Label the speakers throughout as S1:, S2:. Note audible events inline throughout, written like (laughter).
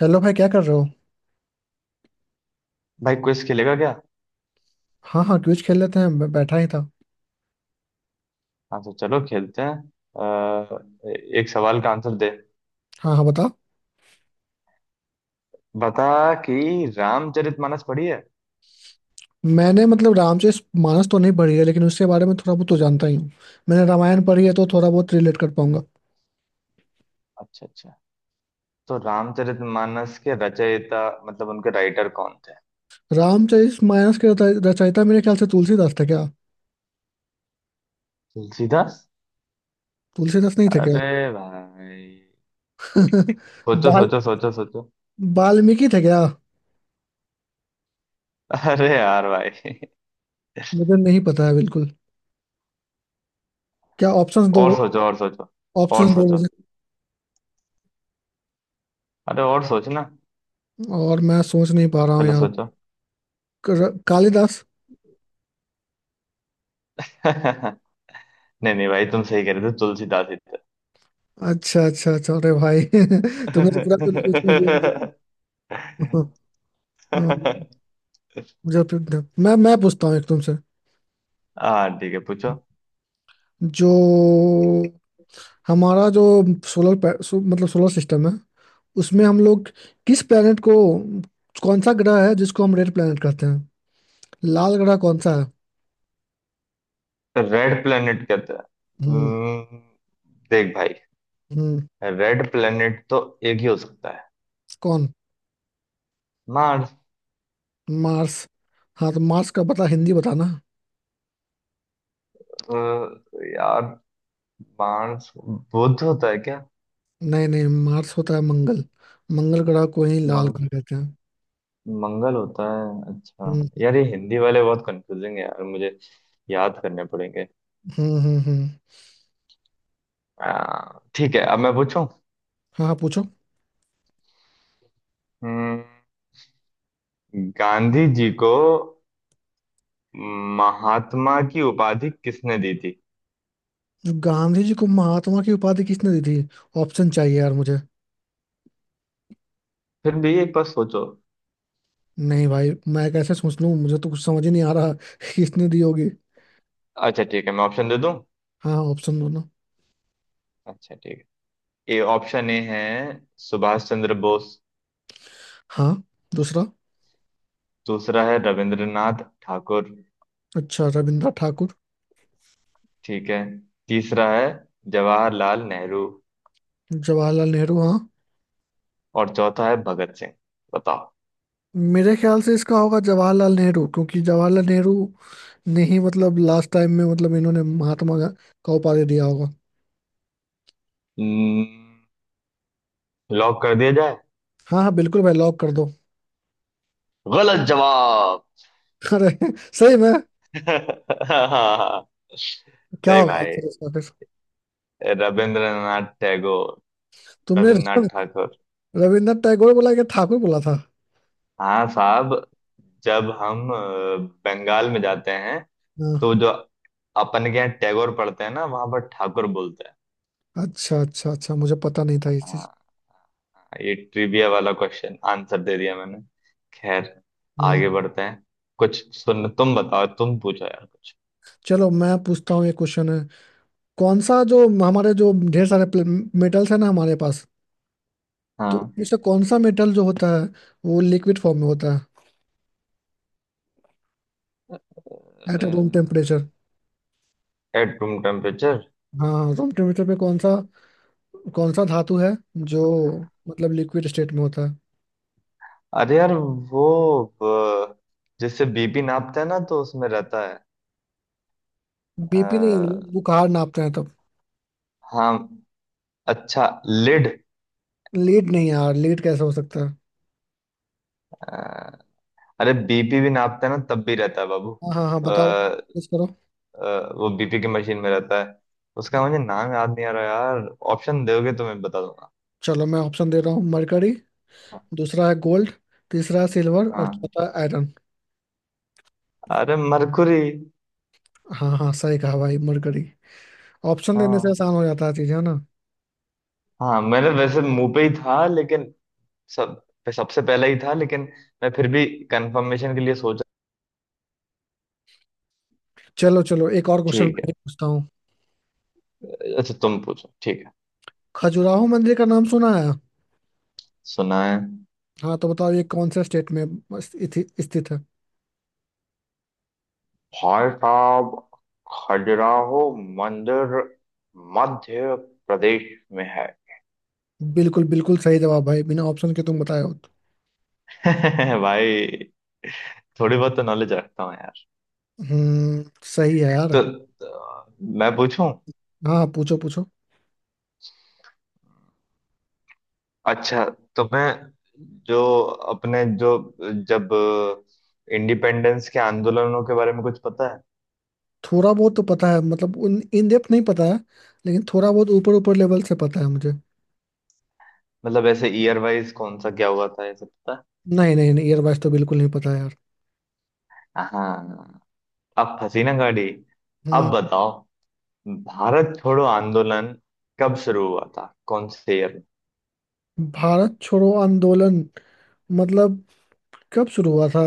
S1: Hello भाई, क्या कर रहे हो।
S2: भाई क्विज खेलेगा क्या?
S1: हाँ हाँ, क्विज खेल लेते हैं, मैं बैठा ही था।
S2: हाँ तो चलो खेलते हैं। अ, एक सवाल का आंसर दे।
S1: हाँ हाँ, बता।
S2: बता कि रामचरितमानस पढ़ी है?
S1: मैंने मतलब रामचरित मानस तो नहीं पढ़ी है, लेकिन उसके बारे में थोड़ा बहुत तो जानता ही हूँ। मैंने रामायण पढ़ी है, तो थोड़ा बहुत रिलेट कर पाऊंगा।
S2: अच्छा अच्छा। तो रामचरितमानस के रचयिता मतलब उनके राइटर कौन थे?
S1: रामचरित मानस के रचयिता मेरे ख्याल से तुलसीदास थे क्या।
S2: तुलसीदास?
S1: तुलसीदास नहीं थे क्या।
S2: अरे भाई,
S1: (laughs)
S2: सोचो
S1: बाल
S2: सोचो सोचो सोचो।
S1: वाल्मीकि थे क्या।
S2: अरे यार भाई,
S1: मुझे नहीं पता है बिल्कुल। क्या, ऑप्शंस दो।
S2: और सोचो और सोचो। और
S1: ऑप्शंस दो
S2: सोचो।
S1: मुझे।
S2: अरे और सोचना।
S1: और मैं सोच नहीं पा रहा हूँ
S2: पहले
S1: यार।
S2: सोचो।
S1: कालिदास।
S2: (laughs) नहीं। नहीं भाई, तुम सही कह रहे थे, तुलसीदास ही थे।
S1: अच्छा अच्छा अच्छा, अरे भाई (laughs) तुमने तो पूरा कंफ्यूज कर दिया मुझे। (laughs)
S2: (laughs)
S1: जब जब- मैं पूछता हूँ एक तुमसे।
S2: हाँ ठीक है, पूछो।
S1: जो हमारा जो मतलब सोलर सिस्टम है, उसमें हम लोग किस प्लेनेट को, कौन सा ग्रह है जिसको हम रेड प्लेनेट कहते हैं। लाल ग्रह कौन सा है।
S2: रेड प्लेनेट कहते हैं?
S1: हम्म।
S2: हम्म, देख भाई,
S1: हम्म।
S2: रेड प्लेनेट तो एक ही हो सकता है।
S1: कौन।
S2: मार्स।
S1: मार्स। हाँ, तो मार्स का पता हिंदी बताना।
S2: अ, यार मार्स बुध होता है क्या?
S1: नहीं नहीं, मार्स होता है मंगल। मंगल ग्रह को ही लाल
S2: मंग,
S1: ग्रह कहते हैं।
S2: मंगल होता है। अच्छा
S1: हम्म
S2: यार, ये हिंदी वाले बहुत कंफ्यूजिंग है यार मुझे, याद करने पड़ेंगे।
S1: हम्म।
S2: ठीक है, अब मैं पूछूं।
S1: हाँ हाँ, पूछो।
S2: हम्म, गांधी जी को महात्मा की उपाधि किसने दी थी?
S1: जो गांधी जी को महात्मा की उपाधि किसने दी थी। ऑप्शन चाहिए यार मुझे।
S2: फिर भी एक बार सोचो।
S1: नहीं भाई, मैं कैसे सोच लूं, मुझे तो कुछ समझ ही नहीं आ रहा। (laughs) किसने दी होगी।
S2: अच्छा ठीक है, मैं ऑप्शन दे दूं।
S1: हाँ, ऑप्शन दो ना।
S2: अच्छा ठीक है। ए, ऑप्शन ए है। सुभाष चंद्र बोस।
S1: हाँ। दूसरा।
S2: दूसरा है रविंद्रनाथ ठाकुर।
S1: अच्छा, रविंद्रनाथ ठाकुर।
S2: ठीक है। तीसरा है जवाहरलाल नेहरू।
S1: जवाहरलाल नेहरू हाँ।
S2: और चौथा है भगत सिंह। बताओ।
S1: मेरे ख्याल से इसका होगा जवाहरलाल नेहरू, क्योंकि जवाहरलाल नेहरू ने ही, मतलब लास्ट टाइम में, मतलब इन्होंने का उपाधि दिया होगा।
S2: हम्म, लॉक कर दिया जाए?
S1: हाँ हाँ, बिल्कुल भाई, लॉक कर दो।
S2: गलत जवाब।
S1: अरे (laughs) सही में।
S2: (laughs)
S1: क्या
S2: नहीं
S1: होगा
S2: भाई,
S1: आंसर इसका फिर।
S2: रविंद्रनाथ टैगोर।
S1: तुमने
S2: रविन्द्रनाथ
S1: (laughs)
S2: ठाकुर।
S1: रविंद्रनाथ टैगोर बोला कि ठाकुर बोला था।
S2: हाँ साहब, जब हम बंगाल में जाते हैं
S1: हाँ।
S2: तो जो अपन के यहाँ टैगोर पढ़ते हैं ना वहां पर ठाकुर बोलते हैं।
S1: अच्छा अच्छा अच्छा, मुझे पता नहीं था ये
S2: हाँ हाँ, ये ट्रिविया वाला क्वेश्चन आंसर दे दिया मैंने। खैर,
S1: चीज।
S2: आगे बढ़ते हैं। कुछ सुन, तुम बताओ, तुम पूछो यार कुछ।
S1: चलो, मैं पूछता हूँ ये क्वेश्चन है। कौन सा, जो हमारे जो ढेर सारे मेटल्स है ना हमारे पास, तो
S2: हाँ।
S1: उनमें से कौन सा मेटल जो होता है वो लिक्विड फॉर्म में होता है at room temperature.
S2: At room temperature?
S1: हाँ, रूम टेम्परेचर पे कौन सा, कौन सा धातु है जो मतलब लिक्विड स्टेट में होता है।
S2: अरे यार वो अ, जिससे बीपी नापते हैं ना, तो उसमें रहता है।
S1: बीपी नहीं,
S2: अ,
S1: बुखार नापते हैं तब।
S2: हाँ। अच्छा लिड?
S1: लीड नहीं यार, लीड कैसे हो सकता है।
S2: अरे बीपी भी नापते हैं ना, तब भी रहता है बाबू।
S1: हाँ हाँ हाँ, बताओ guess करो।
S2: वो बीपी की मशीन में रहता है। उसका मुझे नाम याद नहीं आ रहा यार। ऑप्शन दोगे तो मैं बता दूंगा।
S1: चलो मैं ऑप्शन दे रहा हूँ, मरकरी, दूसरा है गोल्ड, तीसरा है सिल्वर और
S2: हाँ,
S1: चौथा आयरन।
S2: अरे मरकुरी।
S1: हाँ हाँ, सही कहा भाई, मरकरी। ऑप्शन देने से
S2: हाँ
S1: आसान हो जाता है चीजें, है ना।
S2: हाँ, मैंने वैसे मुंह पे ही था लेकिन सब सबसे पहले ही था लेकिन मैं फिर भी कंफर्मेशन के लिए सोचा।
S1: चलो चलो, एक और क्वेश्चन
S2: ठीक
S1: मैं ये पूछता हूँ।
S2: है। अच्छा तुम पूछो, ठीक है।
S1: खजुराहो मंदिर का नाम सुना है।
S2: सुना है।
S1: हाँ, तो बताओ ये कौन से स्टेट में स्थित है।
S2: भाई साहब, खजुराहो मंदिर मध्य प्रदेश में है।
S1: बिल्कुल बिल्कुल सही जवाब भाई, बिना ऑप्शन के तुम बताए हो तो।
S2: (laughs) भाई, थोड़ी बहुत तो नॉलेज रखता हूँ यार।
S1: हम्म, सही है यार।
S2: तो मैं पूछूं।
S1: हाँ हाँ, पूछो पूछो।
S2: अच्छा, तो मैं जो अपने जो जब इंडिपेंडेंस के आंदोलनों के बारे में कुछ पता है?
S1: थोड़ा बहुत तो पता है, मतलब उन इन डेप्थ नहीं पता है, लेकिन थोड़ा बहुत ऊपर ऊपर लेवल से पता है मुझे।
S2: मतलब ऐसे ईयर वाइज कौन सा क्या हुआ था, ये सब पता
S1: नहीं नहीं नहीं, ईयरवाइज तो बिल्कुल नहीं पता है यार।
S2: है? हाँ। अब फंसी ना गाड़ी। अब
S1: हम्म।
S2: बताओ, भारत छोड़ो आंदोलन कब शुरू हुआ था, कौन से ईयर में?
S1: भारत छोड़ो आंदोलन मतलब कब शुरू हुआ था।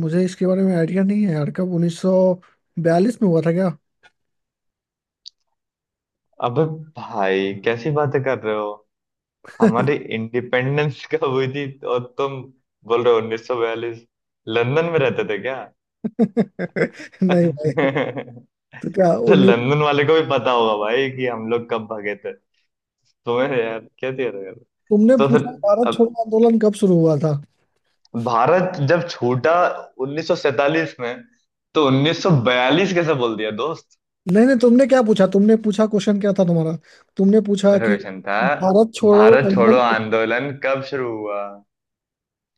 S1: मुझे इसके बारे में आइडिया नहीं है यार, कब 1942 में हुआ था क्या।
S2: अबे भाई, कैसी बातें कर रहे हो। हमारी इंडिपेंडेंस (laughs) कब हुई थी? और तुम बोल रहे हो 1942। लंदन में रहते थे क्या?
S1: (laughs) नहीं भाई।
S2: (laughs)
S1: तो क्या
S2: तो
S1: उन्नीस,
S2: लंदन वाले को भी पता होगा भाई कि हम लोग कब भागे थे। तुम्हें यार क्या दिया था यार।
S1: तुमने
S2: तो फिर,
S1: पूछा भारत
S2: अब
S1: छोड़ो आंदोलन कब शुरू हुआ था।
S2: भारत जब छूटा 1947 में, तो 1942 कैसे बोल दिया दोस्त।
S1: नहीं नहीं, तुमने क्या पूछा, तुमने पूछा क्वेश्चन क्या था तुम्हारा। तुमने पूछा
S2: मेरा
S1: कि
S2: क्वेश्चन था,
S1: भारत छोड़ो
S2: भारत छोड़ो
S1: आंदोलन।
S2: आंदोलन कब शुरू हुआ,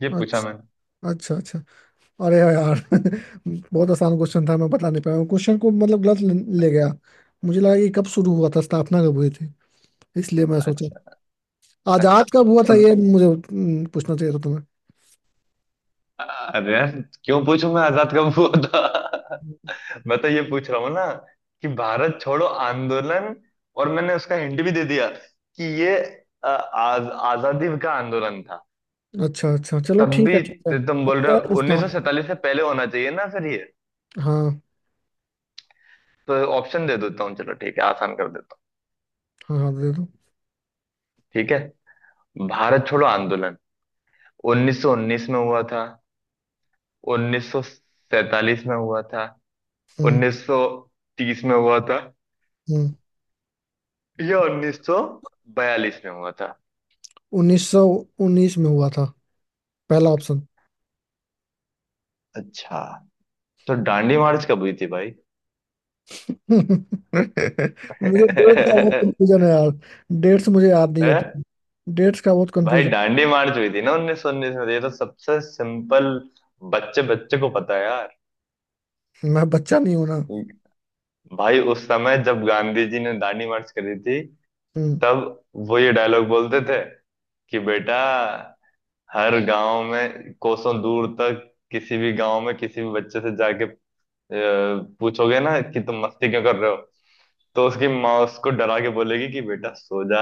S2: ये पूछा मैंने।
S1: अच्छा अच्छा अच्छा, अरे यार (laughs) बहुत आसान क्वेश्चन था, मैं बता नहीं पाया हूँ। क्वेश्चन को मतलब गलत ले ले गया। मुझे लगा कि कब शुरू हुआ था, स्थापना कब हुई थी, इसलिए मैं सोचा
S2: अच्छा
S1: आजाद कब
S2: अच्छा।
S1: हुआ था ये मुझे पूछना चाहिए था तुम्हें।
S2: अरे यार, क्यों पूछूं मैं आजाद कब हुआ था। मैं तो ये पूछ रहा हूँ ना कि भारत छोड़ो आंदोलन। और मैंने उसका हिंट भी दे दिया कि ये अ, आज आजादी का आंदोलन था।
S1: अच्छा अच्छा, चलो
S2: तब
S1: ठीक है
S2: भी
S1: ठीक है,
S2: तो तुम बोल
S1: अब
S2: रहे
S1: और
S2: हो
S1: पूछता हूँ।
S2: 1947 से पहले होना चाहिए ना फिर ये।
S1: हाँ
S2: तो ऑप्शन दे देता हूँ, चलो ठीक है, आसान कर देता हूँ।
S1: हाँ हाँ, दे दो।
S2: ठीक है। भारत छोड़ो आंदोलन 1919 में हुआ था, 1947 में हुआ था,
S1: हम्म।
S2: 1930 में हुआ था,
S1: हम्म।
S2: या 1942 में हुआ था?
S1: 1919 में हुआ था, पहला ऑप्शन।
S2: अच्छा, तो दांडी मार्च कब हुई थी भाई?
S1: (laughs) मुझे डेट का
S2: (laughs)
S1: बहुत कंफ्यूजन है यार। डेट्स मुझे याद नहीं
S2: हैं?
S1: होती। डेट्स का बहुत
S2: भाई
S1: कंफ्यूजन।
S2: डांडी मार्च हुई थी ना 1919 में। ये तो सबसे सिंपल, बच्चे बच्चे को पता है यार।
S1: मैं बच्चा नहीं हूं ना।
S2: भाई उस समय जब गांधी जी ने दांडी मार्च करी थी,
S1: हम्म।
S2: तब वो ये डायलॉग बोलते थे कि बेटा, हर गांव में, कोसों दूर तक, किसी भी गांव में किसी भी बच्चे से जाके अ, पूछोगे ना कि तुम मस्ती क्यों कर रहे हो, तो उसकी माँ उसको डरा के बोलेगी कि बेटा सो जा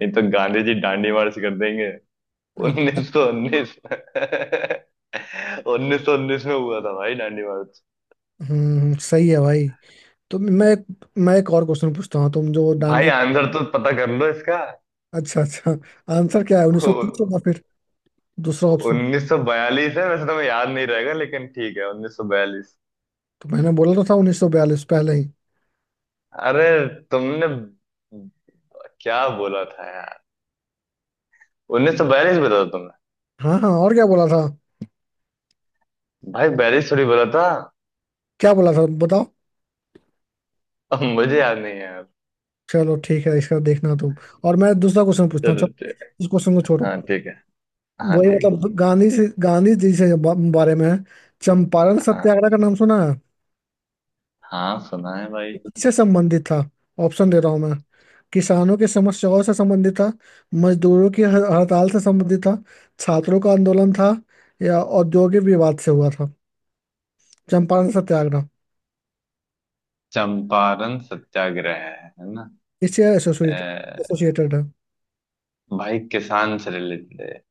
S2: नहीं तो गांधी जी डांडी मार्च कर देंगे।
S1: अच्छा।
S2: 1919। 1919 (laughs) में हुआ था भाई दांडी मार्च।
S1: हम्म, सही है भाई। तो मैं एक और क्वेश्चन पूछता हूँ। तुम जो
S2: भाई
S1: डांडिया।
S2: आंसर तो पता कर लो इसका।
S1: अच्छा अच्छा, आंसर क्या है, 1930 होगा फिर, दूसरा ऑप्शन।
S2: 1942 है। वैसे तुम्हें याद नहीं रहेगा लेकिन ठीक है, 1942।
S1: तो मैंने बोला तो था 1942 पहले ही।
S2: अरे तुमने क्या बोला था यार। 1942 बोला था तुमने।
S1: हाँ हाँ, और क्या बोला था।
S2: भाई 42 थोड़ी बोला था।
S1: क्या बोला था बताओ।
S2: अब मुझे याद नहीं है यार।
S1: चलो ठीक है, इसका देखना तुम, और मैं दूसरा क्वेश्चन पूछता हूँ
S2: चलो
S1: चलो।
S2: ठीक है।
S1: इस क्वेश्चन को छोड़ो।
S2: हाँ ठीक है। हाँ
S1: वही
S2: ठीक है।
S1: मतलब गांधी जी से बारे में है। चंपारण
S2: हाँ
S1: सत्याग्रह का नाम सुना है।
S2: हाँ, सुना है भाई।
S1: किससे संबंधित था। ऑप्शन दे रहा हूँ मैं। किसानों की समस्याओं से संबंधित था, मजदूरों की हड़ताल से संबंधित था, छात्रों का आंदोलन था, या औद्योगिक विवाद से हुआ था। चंपारण सत्याग्रह
S2: चंपारण सत्याग्रह है ना।
S1: इससे एसोसिएटेड है।
S2: भाई, किसान से रिलेटेड है।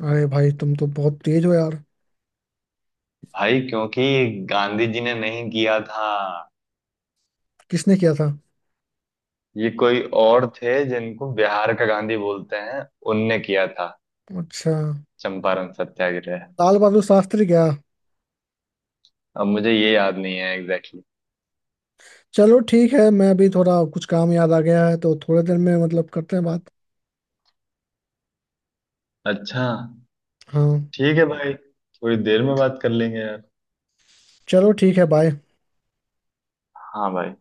S1: अरे भाई, तुम तो बहुत तेज हो यार।
S2: भाई, क्योंकि गांधी जी ने नहीं किया था।
S1: किसने किया था।
S2: ये कोई और थे जिनको बिहार का गांधी बोलते हैं, उनने किया था।
S1: अच्छा,
S2: चंपारण सत्याग्रह।
S1: लाल बहादुर शास्त्री क्या।
S2: अब मुझे ये याद नहीं है एग्जैक्टली
S1: चलो ठीक है, मैं अभी थोड़ा कुछ काम याद आ गया है, तो थोड़ी देर में मतलब करते हैं बात।
S2: exactly। अच्छा।
S1: हाँ,
S2: ठीक है भाई, थोड़ी देर में बात कर लेंगे यार।
S1: चलो ठीक है, बाय।
S2: हाँ भाई।